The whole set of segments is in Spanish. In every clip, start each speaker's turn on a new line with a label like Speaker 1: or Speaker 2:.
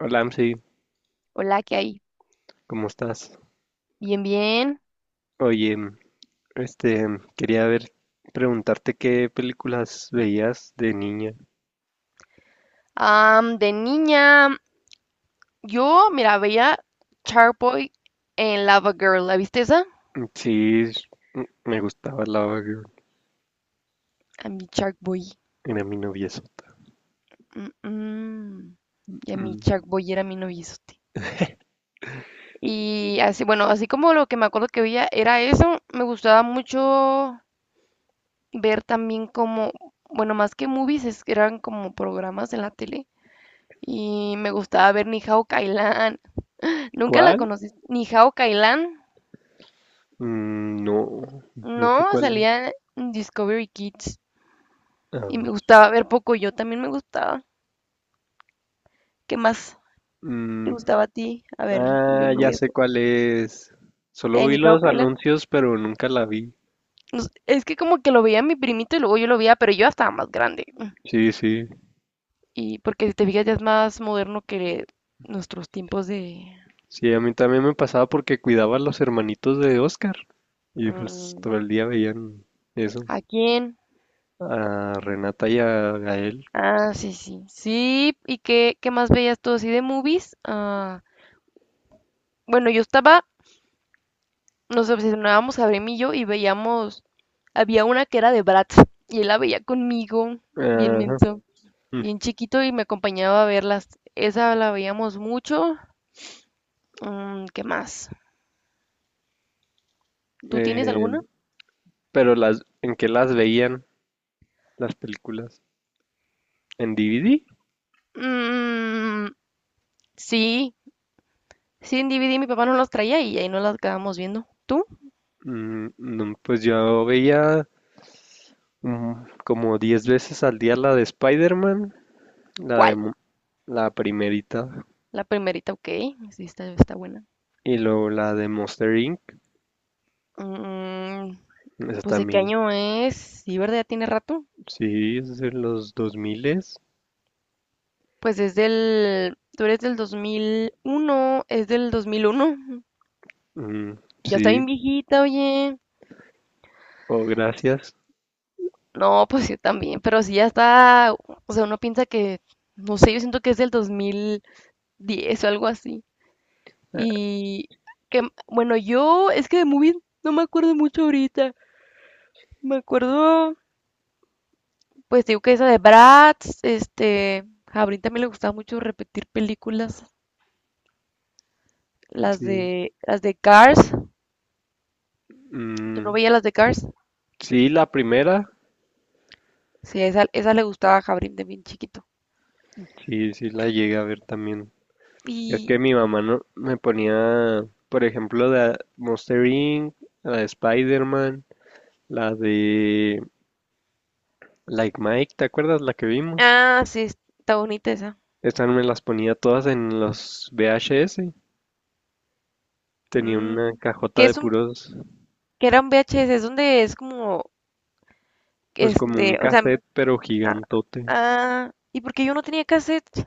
Speaker 1: Hola, Amsi,
Speaker 2: Hola, ¿qué hay?
Speaker 1: ¿cómo estás?
Speaker 2: Bien, bien.
Speaker 1: Oye, este, quería preguntarte qué películas veías de niña.
Speaker 2: De niña, yo, mira, veía Shark Boy en Lava Girl. ¿La viste esa?
Speaker 1: Sí, me gustaba Lava Girl,
Speaker 2: A mi Shark Boy.
Speaker 1: era mi noviezo.
Speaker 2: Mm, mm. Y a mi
Speaker 1: Mm,
Speaker 2: Shark Boy era mi noviozote. Y así, bueno, así como lo que me acuerdo que veía era eso, me gustaba mucho ver también como, bueno, más que movies, es que eran como programas en la tele. Y me gustaba ver Ni Hao Kai Lan. ¿Nunca la
Speaker 1: ¿Cuál?
Speaker 2: conociste? Ni Hao Kai Lan.
Speaker 1: No, no sé
Speaker 2: No,
Speaker 1: cuál es.
Speaker 2: salía en Discovery Kids
Speaker 1: A
Speaker 2: y me
Speaker 1: ver.
Speaker 2: gustaba ver poco, yo también me gustaba. ¿Qué más te
Speaker 1: Mm,
Speaker 2: gustaba a ti? A ver, yo
Speaker 1: Ah,
Speaker 2: me
Speaker 1: ya
Speaker 2: voy a...
Speaker 1: sé cuál es. Solo vi
Speaker 2: Ni hao
Speaker 1: los
Speaker 2: Kayla.
Speaker 1: anuncios, pero nunca la vi.
Speaker 2: No sé, es que como que lo veía mi primito y luego yo lo veía, pero yo ya estaba más grande.
Speaker 1: Sí, sí,
Speaker 2: Y porque si te fijas ya es más moderno que nuestros tiempos de...
Speaker 1: sí, a mí también me pasaba porque cuidaba a los hermanitos de Oscar y pues
Speaker 2: mm,
Speaker 1: todo el día veían eso.
Speaker 2: ¿A quién?
Speaker 1: A Renata y a Gael.
Speaker 2: Ah, sí, sí. Sí, ¿y qué más veías tú así de movies? Ah, bueno, yo estaba, nos obsesionábamos a y yo, y veíamos, había una que era de Bratz y él la veía conmigo, bien
Speaker 1: Ajá.
Speaker 2: menso,
Speaker 1: Mm.
Speaker 2: bien chiquito, y me acompañaba a verlas. Esa la veíamos mucho. Mm, ¿qué más? ¿Tú tienes
Speaker 1: Eh,
Speaker 2: alguna?
Speaker 1: pero ¿en qué las veían las películas? ¿En DVD?
Speaker 2: Mm, sí, sí, en DVD mi papá no los traía y ahí nos las acabamos viendo. ¿Tú?
Speaker 1: No, pues yo veía mm, como 10 veces al día la de Spider-Man, la de
Speaker 2: ¿Cuál?
Speaker 1: La primerita
Speaker 2: La primerita, ok, sí, está buena.
Speaker 1: y luego la de Monster Inc.
Speaker 2: Mm,
Speaker 1: Esa
Speaker 2: pues ¿de qué
Speaker 1: también.
Speaker 2: año es? Sí, ¿verdad? Ya tiene rato.
Speaker 1: Sí, es de los 2000,
Speaker 2: Pues es tú eres del 2001, es del 2001.
Speaker 1: mm,
Speaker 2: Ya está bien
Speaker 1: sí.
Speaker 2: viejita, oye.
Speaker 1: Oh, gracias.
Speaker 2: No, pues yo también, pero sí ya está, o sea, uno piensa que, no sé, yo siento que es del 2010 o algo así.
Speaker 1: Eh,
Speaker 2: Y que, bueno, yo es que de movies no me acuerdo mucho ahorita. Me acuerdo, pues digo que esa de Bratz, este, a Brin también le gustaba mucho repetir películas, las
Speaker 1: sí.
Speaker 2: de, las de Cars. ¿Tú no
Speaker 1: Mm,
Speaker 2: veías las de Cars?
Speaker 1: sí, la primera.
Speaker 2: Sí, esa le gustaba a Jabrín de bien chiquito.
Speaker 1: Sí, sí la llegué a ver también. Es
Speaker 2: Y
Speaker 1: que mi mamá no, me ponía, por ejemplo, la Monster Inc., la de Spider-Man, la de Like Mike, ¿te acuerdas la que vimos?
Speaker 2: ah, sí, está bonita esa.
Speaker 1: Estas me las ponía todas en los VHS. Tenía
Speaker 2: Mm,
Speaker 1: una cajota
Speaker 2: que
Speaker 1: de
Speaker 2: es un,
Speaker 1: puros,
Speaker 2: que era un VHS, es donde es como,
Speaker 1: pues como un
Speaker 2: este, o sea,
Speaker 1: cassette, pero
Speaker 2: ah,
Speaker 1: gigantote.
Speaker 2: ¿y porque yo no tenía cassette?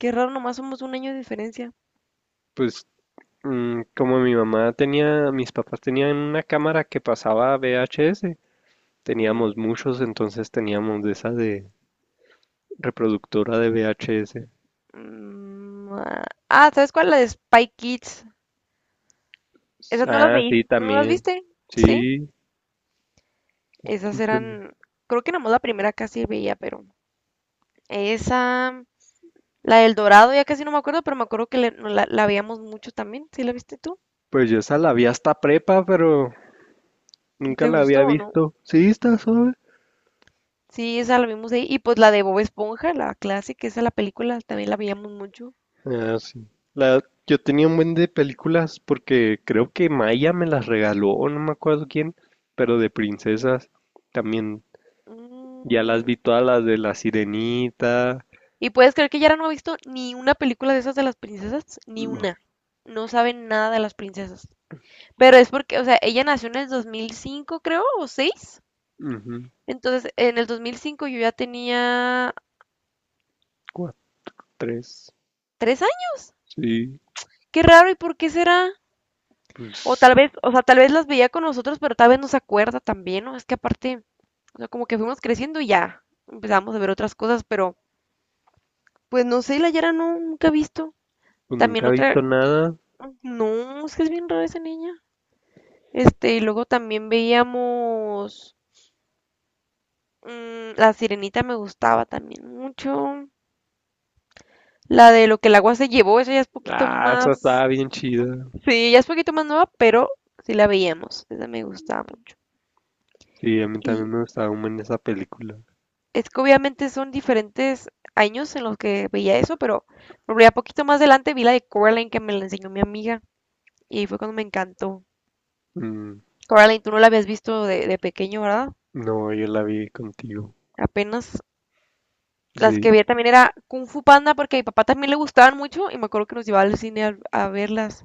Speaker 2: Qué raro, nomás somos un año de diferencia.
Speaker 1: Pues como mi mamá tenía, mis papás tenían una cámara que pasaba VHS, teníamos
Speaker 2: Ujú.
Speaker 1: muchos, entonces teníamos de esa de reproductora de VHS.
Speaker 2: Mm, ah, ah, ¿sabes cuál? La de Spy Kids. Esas no las
Speaker 1: Ah,
Speaker 2: veí,
Speaker 1: sí,
Speaker 2: ¿tú no las
Speaker 1: también.
Speaker 2: viste? Sí,
Speaker 1: Sí,
Speaker 2: esas
Speaker 1: sí, también.
Speaker 2: eran, creo que nomás la primera casi veía, pero esa... La del Dorado, ya casi no me acuerdo, pero me acuerdo no, la veíamos mucho también. ¿Sí la viste tú?
Speaker 1: Pues yo esa la vi hasta prepa, pero
Speaker 2: ¿Y
Speaker 1: nunca
Speaker 2: te
Speaker 1: la había
Speaker 2: gustó o no?
Speaker 1: visto. Sí, está suave.
Speaker 2: Sí, esa la vimos ahí. Y pues la de Bob Esponja, la clásica, esa la película también la veíamos mucho.
Speaker 1: Ah, sí. Yo tenía un buen de películas porque creo que Maya me las regaló, no me acuerdo quién, pero de princesas también. Ya las
Speaker 2: Mm,
Speaker 1: vi todas las de La Sirenita.
Speaker 2: y puedes creer que Yara no ha visto ni una película de esas de las princesas, ni
Speaker 1: Ma-
Speaker 2: una. No sabe nada de las princesas. Pero es porque, o sea, ella nació en el 2005, creo, o seis.
Speaker 1: Ujú.
Speaker 2: Entonces, en el 2005 yo ya tenía
Speaker 1: Cuatro, tres.
Speaker 2: 3 años.
Speaker 1: Sí,
Speaker 2: Qué raro, ¿y por qué será? O
Speaker 1: pues,
Speaker 2: tal vez, o sea, tal vez las veía con nosotros, pero tal vez no se acuerda también, ¿no? Es que aparte, o sea, como que fuimos creciendo y ya empezamos a ver otras cosas, pero pues no sé, la Yara no, nunca he visto.
Speaker 1: pues nunca
Speaker 2: También
Speaker 1: he
Speaker 2: otra,
Speaker 1: visto nada.
Speaker 2: no, es que es bien rara esa niña. Este, y luego también veíamos, la Sirenita me gustaba también mucho. La de lo que el agua se llevó, esa ya es poquito
Speaker 1: Ah, esa
Speaker 2: más,
Speaker 1: estaba bien chida.
Speaker 2: sí, ya es poquito más nueva, pero sí la veíamos, esa me gustaba mucho.
Speaker 1: Sí, a mí también
Speaker 2: Y
Speaker 1: me gustaba un buen esa película.
Speaker 2: es que obviamente son diferentes años en los que veía eso, pero ya poquito más adelante vi la de Coraline que me la enseñó mi amiga y fue cuando me encantó.
Speaker 1: Mm,
Speaker 2: Coraline, tú no la habías visto de pequeño, ¿verdad?
Speaker 1: no, yo la vi contigo.
Speaker 2: Apenas las
Speaker 1: Sí.
Speaker 2: que vi también era Kung Fu Panda porque a mi papá también le gustaban mucho y me acuerdo que nos llevaba al cine a verlas.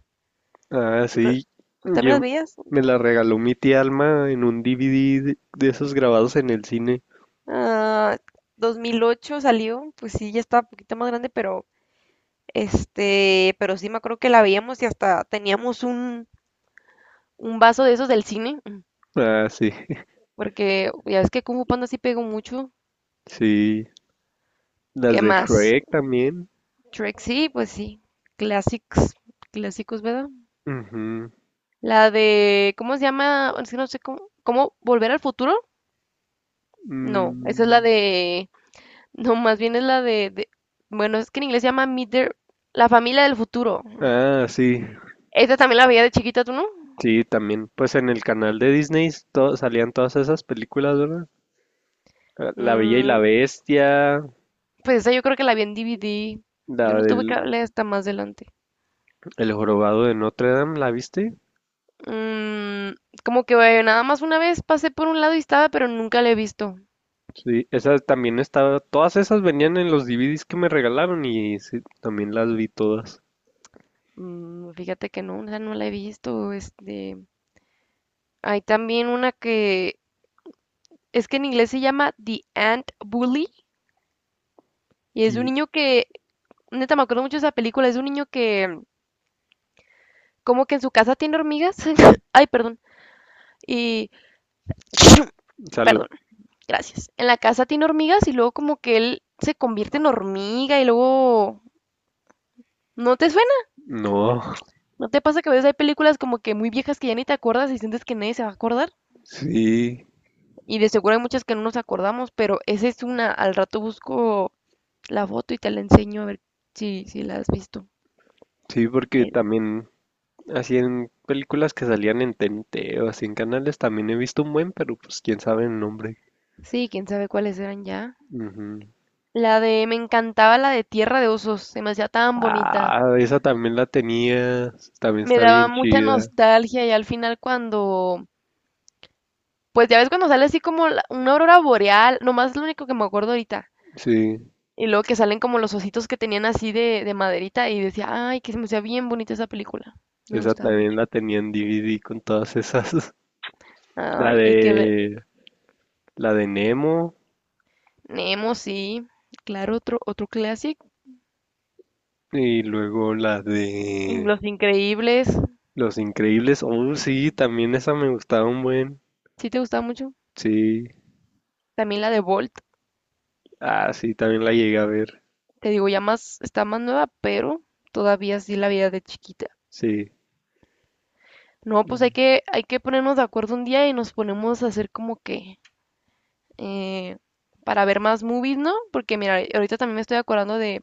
Speaker 1: Ah,
Speaker 2: ¿Tú,
Speaker 1: sí.
Speaker 2: tú también
Speaker 1: Yo
Speaker 2: las veías?
Speaker 1: me la regaló mi tía Alma en un DVD de esos grabados en el cine.
Speaker 2: Ah, 2008 salió, pues sí, ya estaba un poquito más grande, pero este, pero sí me acuerdo que la veíamos y hasta teníamos un vaso de esos del cine.
Speaker 1: Ah, sí.
Speaker 2: Porque ya ves que Kung Fu Panda sí pegó mucho.
Speaker 1: Sí. Las
Speaker 2: ¿Qué
Speaker 1: de
Speaker 2: más?
Speaker 1: Shrek también.
Speaker 2: Shrek sí, pues sí. Clásicos, clásicos, ¿verdad?
Speaker 1: Ujú.
Speaker 2: La de, ¿cómo se llama? Es que no sé cómo, ¿cómo volver al futuro? No, esa es la
Speaker 1: Mm,
Speaker 2: de, no, más bien es la bueno, es que en inglés se llama la familia del futuro.
Speaker 1: Ah, sí.
Speaker 2: Esa también la veía de chiquita, ¿tú no?
Speaker 1: Sí, también. Pues en el canal de Disney salían todas esas películas, ¿verdad? Ah, La Bella y la
Speaker 2: Mm,
Speaker 1: Bestia,
Speaker 2: pues esa yo creo que la vi en DVD. Yo
Speaker 1: la
Speaker 2: no tuve
Speaker 1: del
Speaker 2: cable hasta más adelante.
Speaker 1: El Jorobado de Notre Dame, ¿la viste?
Speaker 2: Mm, como que nada más una vez pasé por un lado y estaba, pero nunca la he visto.
Speaker 1: Sí, esas también estaba, todas esas venían en los DVDs que me regalaron y sí, también las vi todas.
Speaker 2: Mm, fíjate que no, esa no la he visto. Este, hay también una que es que en inglés se llama The Ant Bully y es de un
Speaker 1: Y,
Speaker 2: niño que, neta, me acuerdo mucho de esa película, es de un niño que como que en su casa tiene hormigas. Ay, perdón. Y
Speaker 1: Salud.
Speaker 2: perdón, gracias. En la casa tiene hormigas y luego como que él se convierte en hormiga y luego ¿no te suena?
Speaker 1: No,
Speaker 2: ¿No te pasa que a veces hay películas como que muy viejas que ya ni te acuerdas y sientes que nadie se va a acordar?
Speaker 1: sí,
Speaker 2: Y de seguro hay muchas que no nos acordamos, pero esa es una. Al rato busco la foto y te la enseño a ver si la has visto.
Speaker 1: sí, porque
Speaker 2: Eh,
Speaker 1: también así en películas que salían en TNT o así en canales también he visto un buen, pero pues quién sabe el nombre.
Speaker 2: Sí, quién sabe cuáles eran ya.
Speaker 1: Ujú.
Speaker 2: La de, me encantaba la de Tierra de Osos, se me hacía tan bonita.
Speaker 1: Ah, esa también la tenía, también
Speaker 2: Me
Speaker 1: está
Speaker 2: daba
Speaker 1: bien
Speaker 2: mucha
Speaker 1: chida,
Speaker 2: nostalgia y al final cuando, pues ya ves cuando sale así como una aurora boreal, nomás es lo único que me acuerdo ahorita.
Speaker 1: sí,
Speaker 2: Y luego que salen como los ositos que tenían así de maderita y decía, ay, que se me hacía bien bonita esa película. Me
Speaker 1: esa
Speaker 2: gustaba
Speaker 1: también
Speaker 2: mucho.
Speaker 1: la tenía en DVD con todas esas. La
Speaker 2: Ay, hay que ver.
Speaker 1: de, la de Nemo.
Speaker 2: Nemo, sí. Claro, otro clásico.
Speaker 1: Y luego la
Speaker 2: Y
Speaker 1: de
Speaker 2: Los Increíbles.
Speaker 1: Los Increíbles. Oh, sí,
Speaker 2: Mm,
Speaker 1: también esa me gustaba un buen.
Speaker 2: Sí te gusta mucho.
Speaker 1: Sí.
Speaker 2: También la de Bolt.
Speaker 1: Ah, sí, también la llegué a ver.
Speaker 2: Te digo, ya más, está más nueva, pero todavía sí la vida de chiquita.
Speaker 1: Sí.
Speaker 2: No, pues
Speaker 1: Mm,
Speaker 2: hay que ponernos de acuerdo un día y nos ponemos a hacer como que eh, para ver más movies, ¿no? Porque mira, ahorita también me estoy acordando de,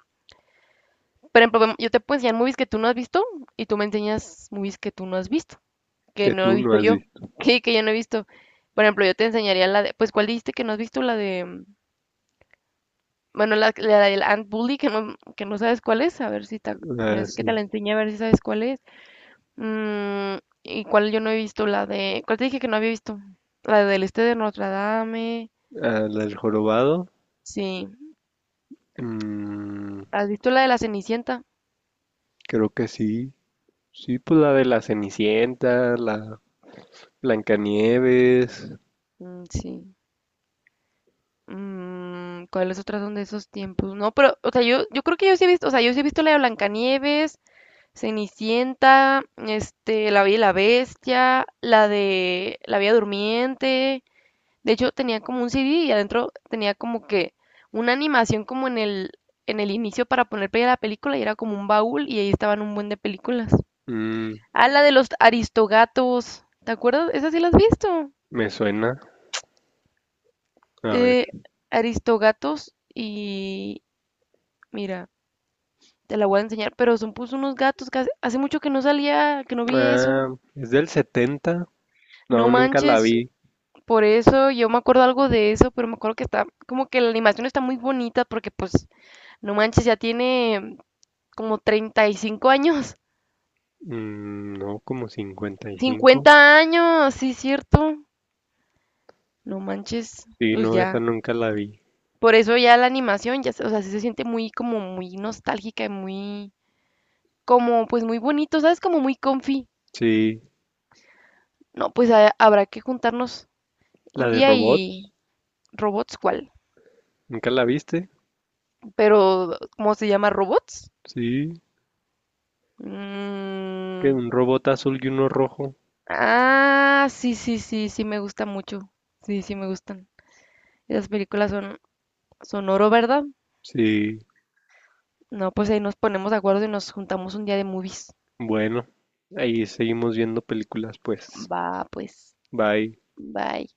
Speaker 2: por ejemplo, yo te puedo enseñar movies que tú no has visto y tú me enseñas movies que tú no has visto. Que
Speaker 1: Que
Speaker 2: no he
Speaker 1: tú no
Speaker 2: visto
Speaker 1: has
Speaker 2: yo,
Speaker 1: visto.
Speaker 2: que yo no he visto. Por ejemplo, yo te enseñaría la de, pues, ¿cuál dijiste que no has visto? La de, mm, bueno, la del Ant Bully, que no sabes cuál es, a ver si te, ya
Speaker 1: Ah,
Speaker 2: sé que te
Speaker 1: sí.
Speaker 2: la enseñé, a ver si sabes cuál es. Mm, ¿y cuál yo no he visto? La de, ¿cuál te dije que no había visto? La del este de Notre Dame,
Speaker 1: Ah, la del Jorobado.
Speaker 2: sí.
Speaker 1: Mm,
Speaker 2: ¿Has visto la de la Cenicienta?
Speaker 1: Creo que sí. Sí, pues la de la Cenicienta, la Blancanieves.
Speaker 2: Mm, sí. Mm, ¿cuáles otras son de esos tiempos? No, pero, o sea, yo creo que yo sí he visto, o sea, yo sí he visto la de Blancanieves, Cenicienta, este, La Bella y la Bestia, la de La Bella Durmiente. De hecho, tenía como un CD y adentro tenía como que una animación como en en el inicio para poner play a la película y era como un baúl y ahí estaban un buen de películas.
Speaker 1: Mm,
Speaker 2: Ah, la de los Aristogatos. ¿Te acuerdas? Esa sí la has visto.
Speaker 1: Me suena. A ver.
Speaker 2: Eh, Aristogatos y... Mira, te la voy a enseñar, pero son pues unos gatos que hace mucho que no salía, que no vi eso.
Speaker 1: Ah, es del 70.
Speaker 2: No
Speaker 1: No, nunca la
Speaker 2: manches,
Speaker 1: vi.
Speaker 2: por eso yo me acuerdo algo de eso, pero me acuerdo que está, como que la animación está muy bonita porque pues, no manches, ya tiene como 35 años,
Speaker 1: No, como 55.
Speaker 2: 50 años, sí, cierto, no manches,
Speaker 1: Sí,
Speaker 2: pues
Speaker 1: no, esa
Speaker 2: ya.
Speaker 1: nunca la vi.
Speaker 2: Por eso ya la animación, ya, o sea, sí se siente muy como muy nostálgica y muy, como pues muy bonito, ¿sabes? Como muy comfy.
Speaker 1: Sí,
Speaker 2: No, pues habrá que juntarnos
Speaker 1: la
Speaker 2: un
Speaker 1: de
Speaker 2: día.
Speaker 1: robots,
Speaker 2: Y robots, ¿cuál?
Speaker 1: ¿nunca la viste?
Speaker 2: Pero, ¿cómo se llama? ¿Robots?
Speaker 1: Sí, que
Speaker 2: Mm,
Speaker 1: un robot azul y uno rojo.
Speaker 2: ah, sí, sí, sí, sí me gusta mucho. Sí, sí me gustan. Esas películas son, son oro, ¿verdad?
Speaker 1: Sí,
Speaker 2: No, pues ahí nos ponemos de acuerdo y nos juntamos un día de movies.
Speaker 1: bueno, ahí seguimos viendo películas, pues.
Speaker 2: Va, pues.
Speaker 1: Bye.
Speaker 2: Bye.